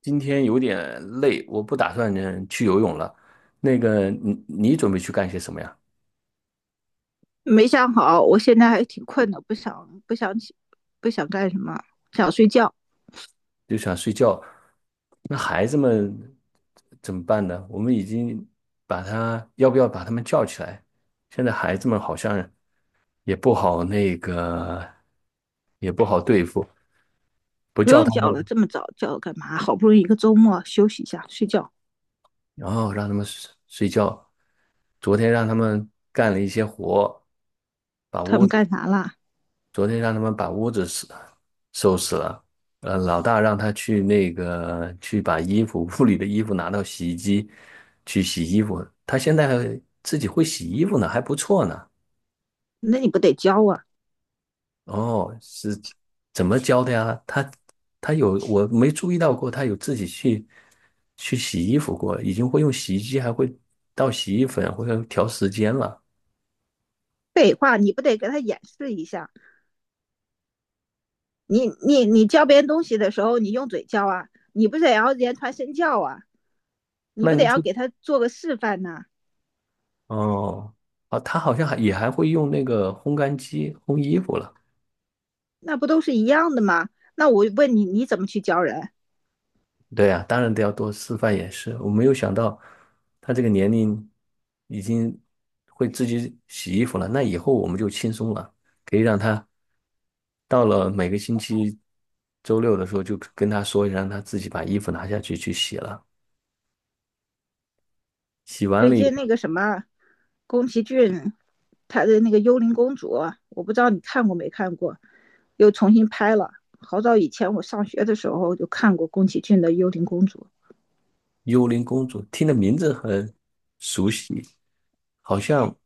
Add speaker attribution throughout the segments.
Speaker 1: 今天有点累，我不打算去游泳了。你准备去干些什么呀？
Speaker 2: 没想好，我现在还挺困的，不想起，不想干什么，想睡觉。
Speaker 1: 就想睡觉。那孩子们怎么办呢？我们已经要不要把他们叫起来？现在孩子们好像也不好也不好对付，不
Speaker 2: 不
Speaker 1: 叫
Speaker 2: 用
Speaker 1: 他们，
Speaker 2: 叫了，这么早叫干嘛？好不容易一个周末休息一下，睡觉。
Speaker 1: 然后让他们睡睡觉。昨天让他们干了一些活，把
Speaker 2: 他
Speaker 1: 屋
Speaker 2: 们干啥啦？
Speaker 1: 昨天让他们把屋子收拾了，老大让他去去把衣服屋里的衣服拿到洗衣机去洗衣服，他现在还自己会洗衣服呢，还不错呢。
Speaker 2: 那你不得教啊？
Speaker 1: 哦，是怎么教的呀？他有我没注意到过，他有自己去洗衣服过，已经会用洗衣机，还会倒洗衣粉，或者调时间了。
Speaker 2: 废话，你不得给他演示一下？你教别人东西的时候，你用嘴教啊？你不得要言传身教啊？你
Speaker 1: 那
Speaker 2: 不得
Speaker 1: 你
Speaker 2: 要
Speaker 1: 是
Speaker 2: 给他做个示范呐、啊。
Speaker 1: 哦，哦，他好像还也还会用那个烘干机烘衣服了。
Speaker 2: 那不都是一样的吗？那我问你，你怎么去教人？
Speaker 1: 对啊，当然得要多示范演示。我没有想到他这个年龄已经会自己洗衣服了，那以后我们就轻松了，可以让他到了每个星期周六的时候，就跟他说一声让他自己把衣服拿下去去洗了。洗完
Speaker 2: 最
Speaker 1: 了以
Speaker 2: 近
Speaker 1: 后，
Speaker 2: 那个什么，宫崎骏他的那个《幽灵公主》啊，我不知道你看过没看过，又重新拍了。好早以前我上学的时候就看过宫崎骏的《幽灵公主》，
Speaker 1: 幽灵公主听的名字很熟悉，好像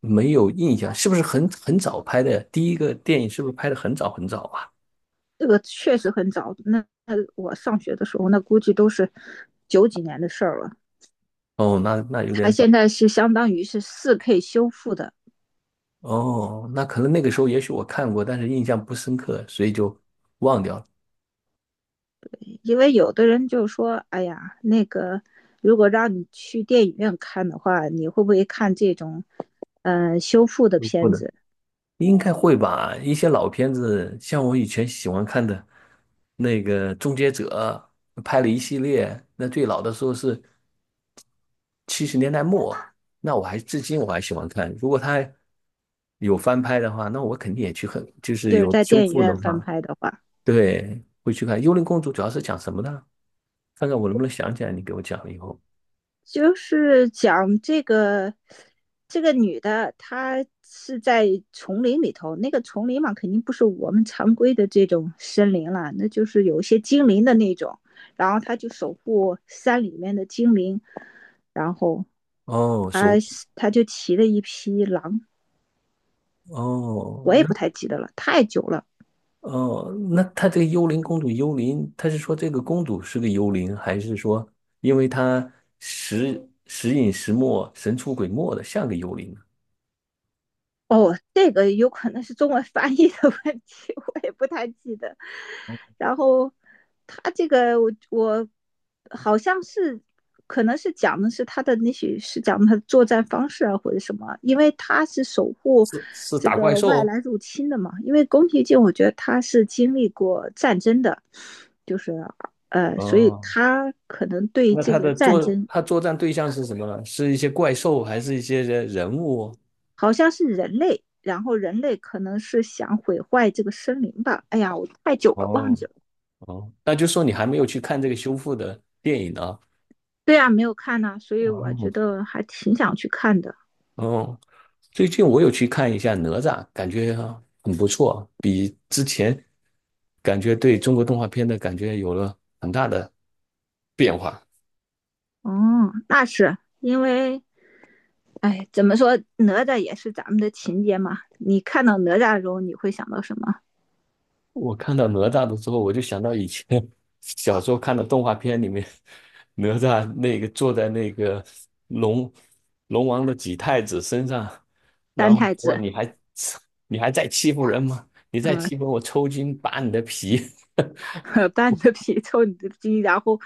Speaker 1: 没有印象，是不是很早拍的？第一个电影是不是拍的很早很早啊？
Speaker 2: 这个确实很早。那我上学的时候，那估计都是九几年的事儿了。
Speaker 1: 哦，那有
Speaker 2: 他
Speaker 1: 点早。
Speaker 2: 现在是相当于是四 K 修复的，
Speaker 1: 哦，那可能那个时候也许我看过，但是印象不深刻，所以就忘掉了。
Speaker 2: 因为有的人就说：“哎呀，那个如果让你去电影院看的话，你会不会看这种？”修复的
Speaker 1: 嗯不
Speaker 2: 片
Speaker 1: 能，
Speaker 2: 子，
Speaker 1: 应该会吧？一些老片子，像我以前喜欢看的那个《终结者》，拍了一系列，那最老的时候是70年代末，那至今我还喜欢看。如果他有翻拍的话，那我肯定也去看，就是
Speaker 2: 就是
Speaker 1: 有
Speaker 2: 在
Speaker 1: 修
Speaker 2: 电影
Speaker 1: 复的
Speaker 2: 院翻
Speaker 1: 话，
Speaker 2: 拍的话，
Speaker 1: 对，会去看《幽灵公主》，主要是讲什么的？看看我能不能想起来，你给我讲了以后。
Speaker 2: 就是讲这个女的，她是在丛林里头，那个丛林嘛，肯定不是我们常规的这种森林了，那就是有一些精灵的那种，然后她就守护山里面的精灵，然后
Speaker 1: 哦，
Speaker 2: 她她就骑了一匹狼，
Speaker 1: 哦，
Speaker 2: 我也不太记得了，太久了。
Speaker 1: 哦，那她这个幽灵公主，幽灵，她是说这个公主是个幽灵，还是说因为她时隐时没、神出鬼没的，像个幽灵呢？
Speaker 2: 哦，这个有可能是中文翻译的问题，我也不太记得。然后他这个我好像是可能是讲的是他的，也许是讲他的作战方式啊或者什么，因为他是守护
Speaker 1: 是
Speaker 2: 这
Speaker 1: 打怪
Speaker 2: 个外
Speaker 1: 兽。
Speaker 2: 来入侵的嘛。因为宫崎骏，我觉得他是经历过战争的，就是所以
Speaker 1: 哦，
Speaker 2: 他可能对
Speaker 1: 那
Speaker 2: 这个战争
Speaker 1: 他作战对象是什么呢？是一些怪兽，还是一些人物？
Speaker 2: 好像是人类，然后人类可能是想毁坏这个森林吧。哎呀，我太久了忘
Speaker 1: 哦，
Speaker 2: 记了。
Speaker 1: 哦，那就说你还没有去看这个修复的电影呢？
Speaker 2: 对啊，没有看呢、啊。所以我
Speaker 1: 哦，
Speaker 2: 觉得还挺想去看的。
Speaker 1: 哦，最近我有去看一下《哪吒》，感觉很不错，比之前感觉对中国动画片的感觉有了很大的变化。
Speaker 2: 哦，那是因为，哎，怎么说，哪吒也是咱们的情节嘛。你看到哪吒的时候，你会想到什么？
Speaker 1: 我看到哪吒的时候，我就想到以前 小时候看的动画片里面，哪吒那个坐在那个龙龙王的几太子身上，然
Speaker 2: 三
Speaker 1: 后
Speaker 2: 太
Speaker 1: 说
Speaker 2: 子，
Speaker 1: 你还在欺负人吗？你再
Speaker 2: 嗯，
Speaker 1: 欺负我，抽筋扒你的皮。
Speaker 2: 搬着皮 抽你的筋，然后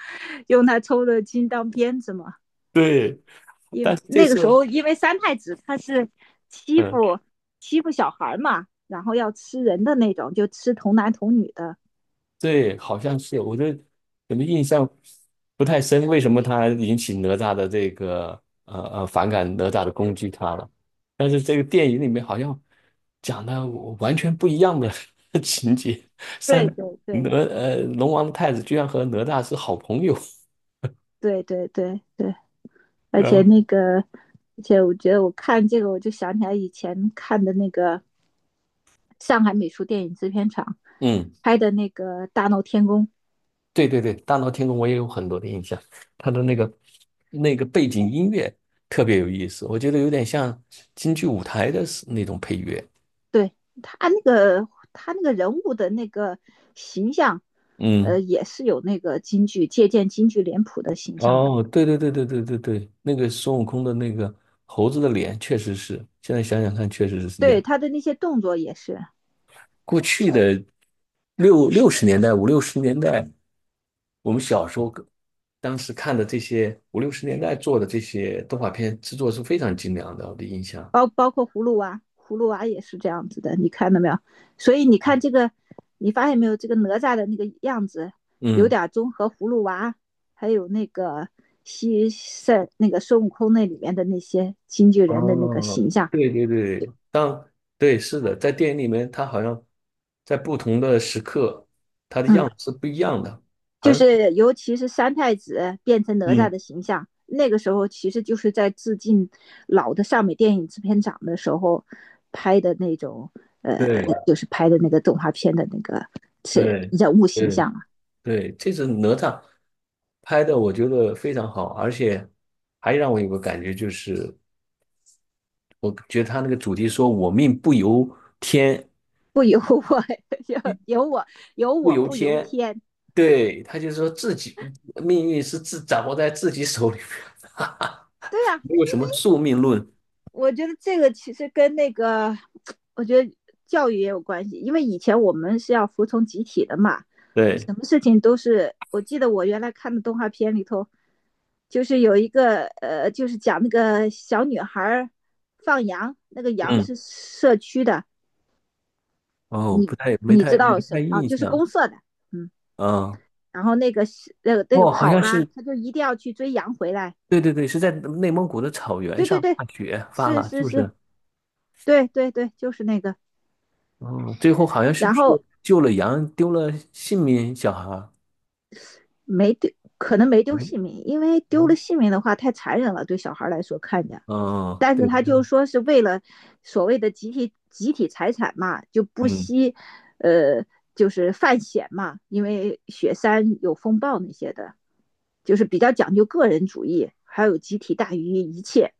Speaker 2: 用他抽的筋当鞭子嘛。
Speaker 1: 对，
Speaker 2: 因
Speaker 1: 但是这
Speaker 2: 那个
Speaker 1: 次。
Speaker 2: 时候因为三太子他是欺
Speaker 1: 嗯。
Speaker 2: 负欺负小孩嘛，然后要吃人的那种，就吃童男童女的。
Speaker 1: 对，好像是，怎么印象不太深，为什么他引起哪吒的这个反感哪吒的攻击他了？但是这个电影里面好像讲的完全不一样的 情节，三
Speaker 2: 对对对
Speaker 1: 龙王的太子居然和哪吒是好朋友，
Speaker 2: 对对对对，而
Speaker 1: 然
Speaker 2: 且
Speaker 1: 后
Speaker 2: 那个，而且我觉得我看这个，我就想起来以前看的那个上海美术电影制片厂
Speaker 1: 嗯，
Speaker 2: 拍的那个《大闹天宫》，
Speaker 1: 对对对，大闹天宫我也有很多的印象，他的那个背景音乐特别有意思，我觉得有点像京剧舞台的那种配乐，
Speaker 2: 对他那个人物的那个形象，
Speaker 1: 嗯。
Speaker 2: 也是有那个京剧借鉴京剧脸谱的形象的。
Speaker 1: 哦，对对对对对对对，那个孙悟空的那个猴子的脸，确实是，现在想想看，确实是这
Speaker 2: 对
Speaker 1: 样。
Speaker 2: 他的那些动作也是，
Speaker 1: 过去的六十年代、五六十年代，我们小时候当时看的这些五六十年代做的这些动画片制作是非常精良的，我的印象。
Speaker 2: 包括葫芦娃，葫芦娃也是这样子的，你看到没有？所以你看这个，你发现没有？这个哪吒的那个样子有
Speaker 1: 嗯，
Speaker 2: 点综合葫芦娃，还有那个西塞那个孙悟空那里面的那些京剧人的那个
Speaker 1: 哦，
Speaker 2: 形象。
Speaker 1: 对对对，对是的，在电影里面，他好像在不同的时刻
Speaker 2: 嗯，
Speaker 1: 是不一样的，好
Speaker 2: 就
Speaker 1: 像
Speaker 2: 是尤其是三太子变成哪吒
Speaker 1: 嗯，
Speaker 2: 的形象，那个时候其实就是在致敬老的上美电影制片厂的时候拍的那种，呃，
Speaker 1: 对
Speaker 2: 就是拍的那个动画片的那个是
Speaker 1: 对。
Speaker 2: 人物形
Speaker 1: 对
Speaker 2: 象啊，
Speaker 1: 对，这次哪吒拍的我觉得非常好，而且还让我有个感觉就是，我觉得他那个主题说“我命不由天，
Speaker 2: 不由我，由由我由
Speaker 1: 不
Speaker 2: 我
Speaker 1: 由
Speaker 2: 不由
Speaker 1: 天”，
Speaker 2: 天，
Speaker 1: 对，他就说自己命运是自掌握在自己手里面，哈哈
Speaker 2: 对呀、啊。
Speaker 1: 没有什么宿命论。
Speaker 2: 我觉得这个其实跟那个，我觉得教育也有关系，因为以前我们是要服从集体的嘛，
Speaker 1: 对，
Speaker 2: 什么事情都是。我记得我原来看的动画片里头，就是有一个就是讲那个小女孩放羊，那个羊
Speaker 1: 嗯，
Speaker 2: 是社区的，
Speaker 1: 哦，不
Speaker 2: 你
Speaker 1: 太没
Speaker 2: 你
Speaker 1: 太
Speaker 2: 知
Speaker 1: 没
Speaker 2: 道
Speaker 1: 太
Speaker 2: 什么啊？
Speaker 1: 印
Speaker 2: 就是
Speaker 1: 象，
Speaker 2: 公社的，嗯。
Speaker 1: 嗯，
Speaker 2: 然后那个
Speaker 1: 哦，好
Speaker 2: 跑
Speaker 1: 像
Speaker 2: 啦，
Speaker 1: 是，
Speaker 2: 他就一定要去追羊回来。
Speaker 1: 对对对，是在内蒙古的草原
Speaker 2: 对对
Speaker 1: 上
Speaker 2: 对，
Speaker 1: 大雪发
Speaker 2: 是
Speaker 1: 了，是
Speaker 2: 是
Speaker 1: 不
Speaker 2: 是，
Speaker 1: 是？
Speaker 2: 对对对，就是那个。
Speaker 1: 哦，最后好像是不
Speaker 2: 然
Speaker 1: 是
Speaker 2: 后
Speaker 1: 救了羊，丢了性命，小孩儿？
Speaker 2: 没丢，可能没丢
Speaker 1: 嗯
Speaker 2: 性命，因为丢
Speaker 1: 嗯，
Speaker 2: 了性命的话太残忍了，对小孩来说看着。
Speaker 1: 嗯
Speaker 2: 但是
Speaker 1: 对，
Speaker 2: 他就说是为了所谓的集体财产嘛，就不
Speaker 1: 嗯，
Speaker 2: 惜，呃，就是犯险嘛，因为雪山有风暴那些的，就是比较讲究个人主义，还有集体大于一切。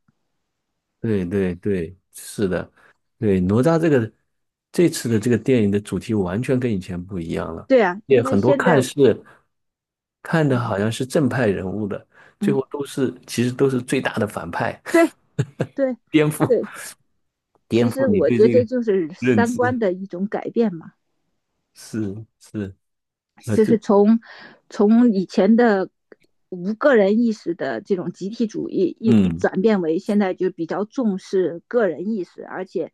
Speaker 1: 对对对，是的，对，哪吒这个这次的这个电影的主题完全跟以前不一样了，
Speaker 2: 对啊，
Speaker 1: 也
Speaker 2: 因为
Speaker 1: 很多
Speaker 2: 现在，
Speaker 1: 看的
Speaker 2: 嗯
Speaker 1: 好像是正派人物的，最
Speaker 2: 嗯，
Speaker 1: 后都是其实都是最大的反派，
Speaker 2: 对对
Speaker 1: 颠覆
Speaker 2: 对，
Speaker 1: 颠
Speaker 2: 其实
Speaker 1: 覆你
Speaker 2: 我
Speaker 1: 对
Speaker 2: 觉
Speaker 1: 这
Speaker 2: 得
Speaker 1: 个
Speaker 2: 就是
Speaker 1: 认
Speaker 2: 三观
Speaker 1: 知，
Speaker 2: 的一种改变嘛。
Speaker 1: 是是，那
Speaker 2: 就
Speaker 1: 这
Speaker 2: 是从以前的无个人意识的这种集体主义，一
Speaker 1: 嗯
Speaker 2: 转变为现在就比较重视个人意识，而且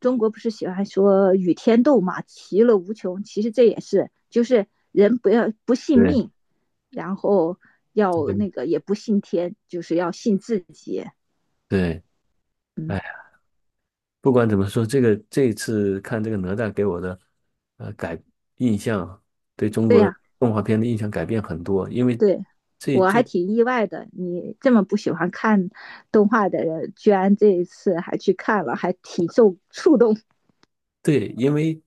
Speaker 2: 中国不是喜欢说与天斗嘛，其乐无穷。其实这也是，就是人不要不信
Speaker 1: 对
Speaker 2: 命，然后要
Speaker 1: 对
Speaker 2: 那个也不信天，就是要信自己。
Speaker 1: 对，
Speaker 2: 嗯，
Speaker 1: 哎。不管怎么说，这个这次看这个哪吒给我的呃改印象，对中
Speaker 2: 对呀、
Speaker 1: 国
Speaker 2: 啊。
Speaker 1: 动画片的印象改变很多，因为
Speaker 2: 对，
Speaker 1: 这
Speaker 2: 我还
Speaker 1: 这
Speaker 2: 挺意外的，你这么不喜欢看动画的人，居然这一次还去看了，还挺受触动。
Speaker 1: 对，因为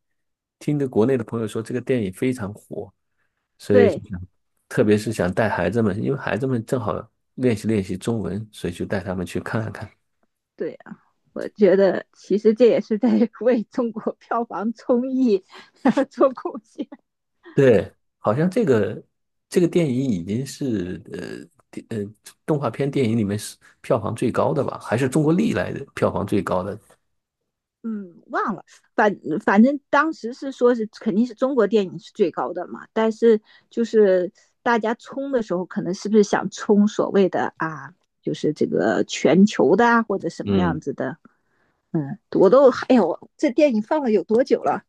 Speaker 1: 听着国内的朋友说这个电影非常火，所以就
Speaker 2: 对
Speaker 1: 想特别是想带孩子们，因为孩子们正好练习练习中文，所以就带他们去看看。
Speaker 2: 对啊，我觉得其实这也是在 为中国票房综艺 做贡献。
Speaker 1: 对，好像这个电影已经是呃电呃动画片电影里面是票房最高的吧，还是中国历来的票房最高的。
Speaker 2: 嗯，忘了，反反正当时是说是肯定是中国电影是最高的嘛，但是就是大家冲的时候，可能是不是想冲所谓的啊，就是这个全球的啊，或者什么样
Speaker 1: 嗯。
Speaker 2: 子的。嗯，我都哎呀，我这电影放了有多久了？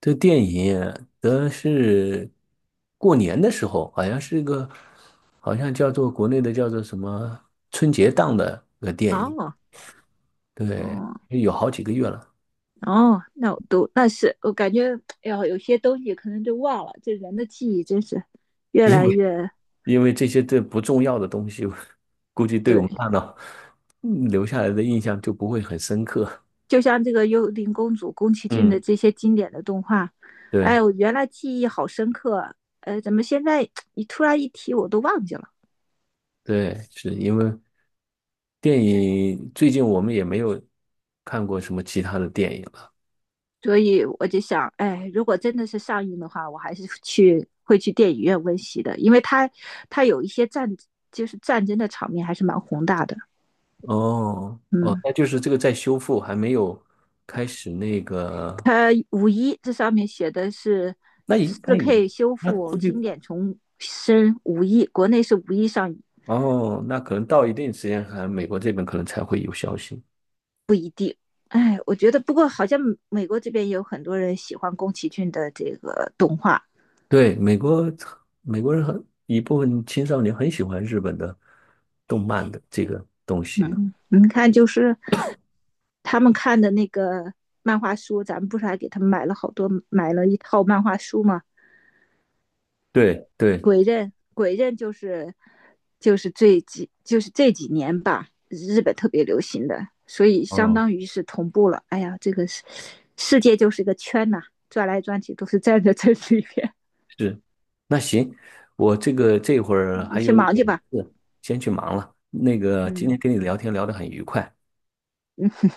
Speaker 1: 这个电影的是过年的时候，好像是个，好像叫做国内的叫做什么春节档的个电影，
Speaker 2: 哦，
Speaker 1: 对，
Speaker 2: 哦，
Speaker 1: 有好几个月了。
Speaker 2: 哦，那我都那是我感觉，哎呀，有些东西可能就忘了。这人的记忆真是越
Speaker 1: 因
Speaker 2: 来
Speaker 1: 为
Speaker 2: 越
Speaker 1: 因为这些不重要的东西，估计对我
Speaker 2: 对，
Speaker 1: 们大脑留下来的印象就不会很深刻。
Speaker 2: 就像这个《幽灵公主》宫崎骏的
Speaker 1: 嗯，
Speaker 2: 这些经典的动画，
Speaker 1: 对
Speaker 2: 哎，我原来记忆好深刻啊，怎么现在你突然一提我都忘记了？
Speaker 1: 对，是因为电影最近我们也没有看过什么其他的电影。了。
Speaker 2: 所以我就想，哎，如果真的是上映的话，我还是去会去电影院温习的，因为它有一些战就是战争的场面还是蛮宏大的。
Speaker 1: 哦哦，
Speaker 2: 嗯，
Speaker 1: 那就是这个在修复，还没有开始那个，
Speaker 2: 它五一这上面写的是
Speaker 1: 那应该
Speaker 2: 四
Speaker 1: 也，
Speaker 2: K 修
Speaker 1: 那
Speaker 2: 复
Speaker 1: 估计
Speaker 2: 经典重生五一，国内是五一上映。
Speaker 1: 哦，那可能到一定时间，还美国这边可能才会有消息。
Speaker 2: 哎，我觉得不过好像美国这边有很多人喜欢宫崎骏的这个动画。
Speaker 1: 对，美国人很一部分青少年很喜欢日本的动漫的这个东西呢。
Speaker 2: 嗯，你看就是他们看的那个漫画书，咱们不是还给他们买了好多，买了一套漫画书吗？
Speaker 1: 对对，
Speaker 2: 鬼刃，鬼刃就是就是这几年吧，日本特别流行的，所以相
Speaker 1: 嗯，
Speaker 2: 当于是同步了。哎呀，这个世界就是个圈呐、啊。转来转去都是站在这里边，
Speaker 1: 是，那行，我这会儿
Speaker 2: 你
Speaker 1: 还
Speaker 2: 去
Speaker 1: 有一
Speaker 2: 忙
Speaker 1: 点
Speaker 2: 去吧。
Speaker 1: 事，先去忙了。今
Speaker 2: 嗯
Speaker 1: 天跟你聊天聊得很愉快。
Speaker 2: 嗯，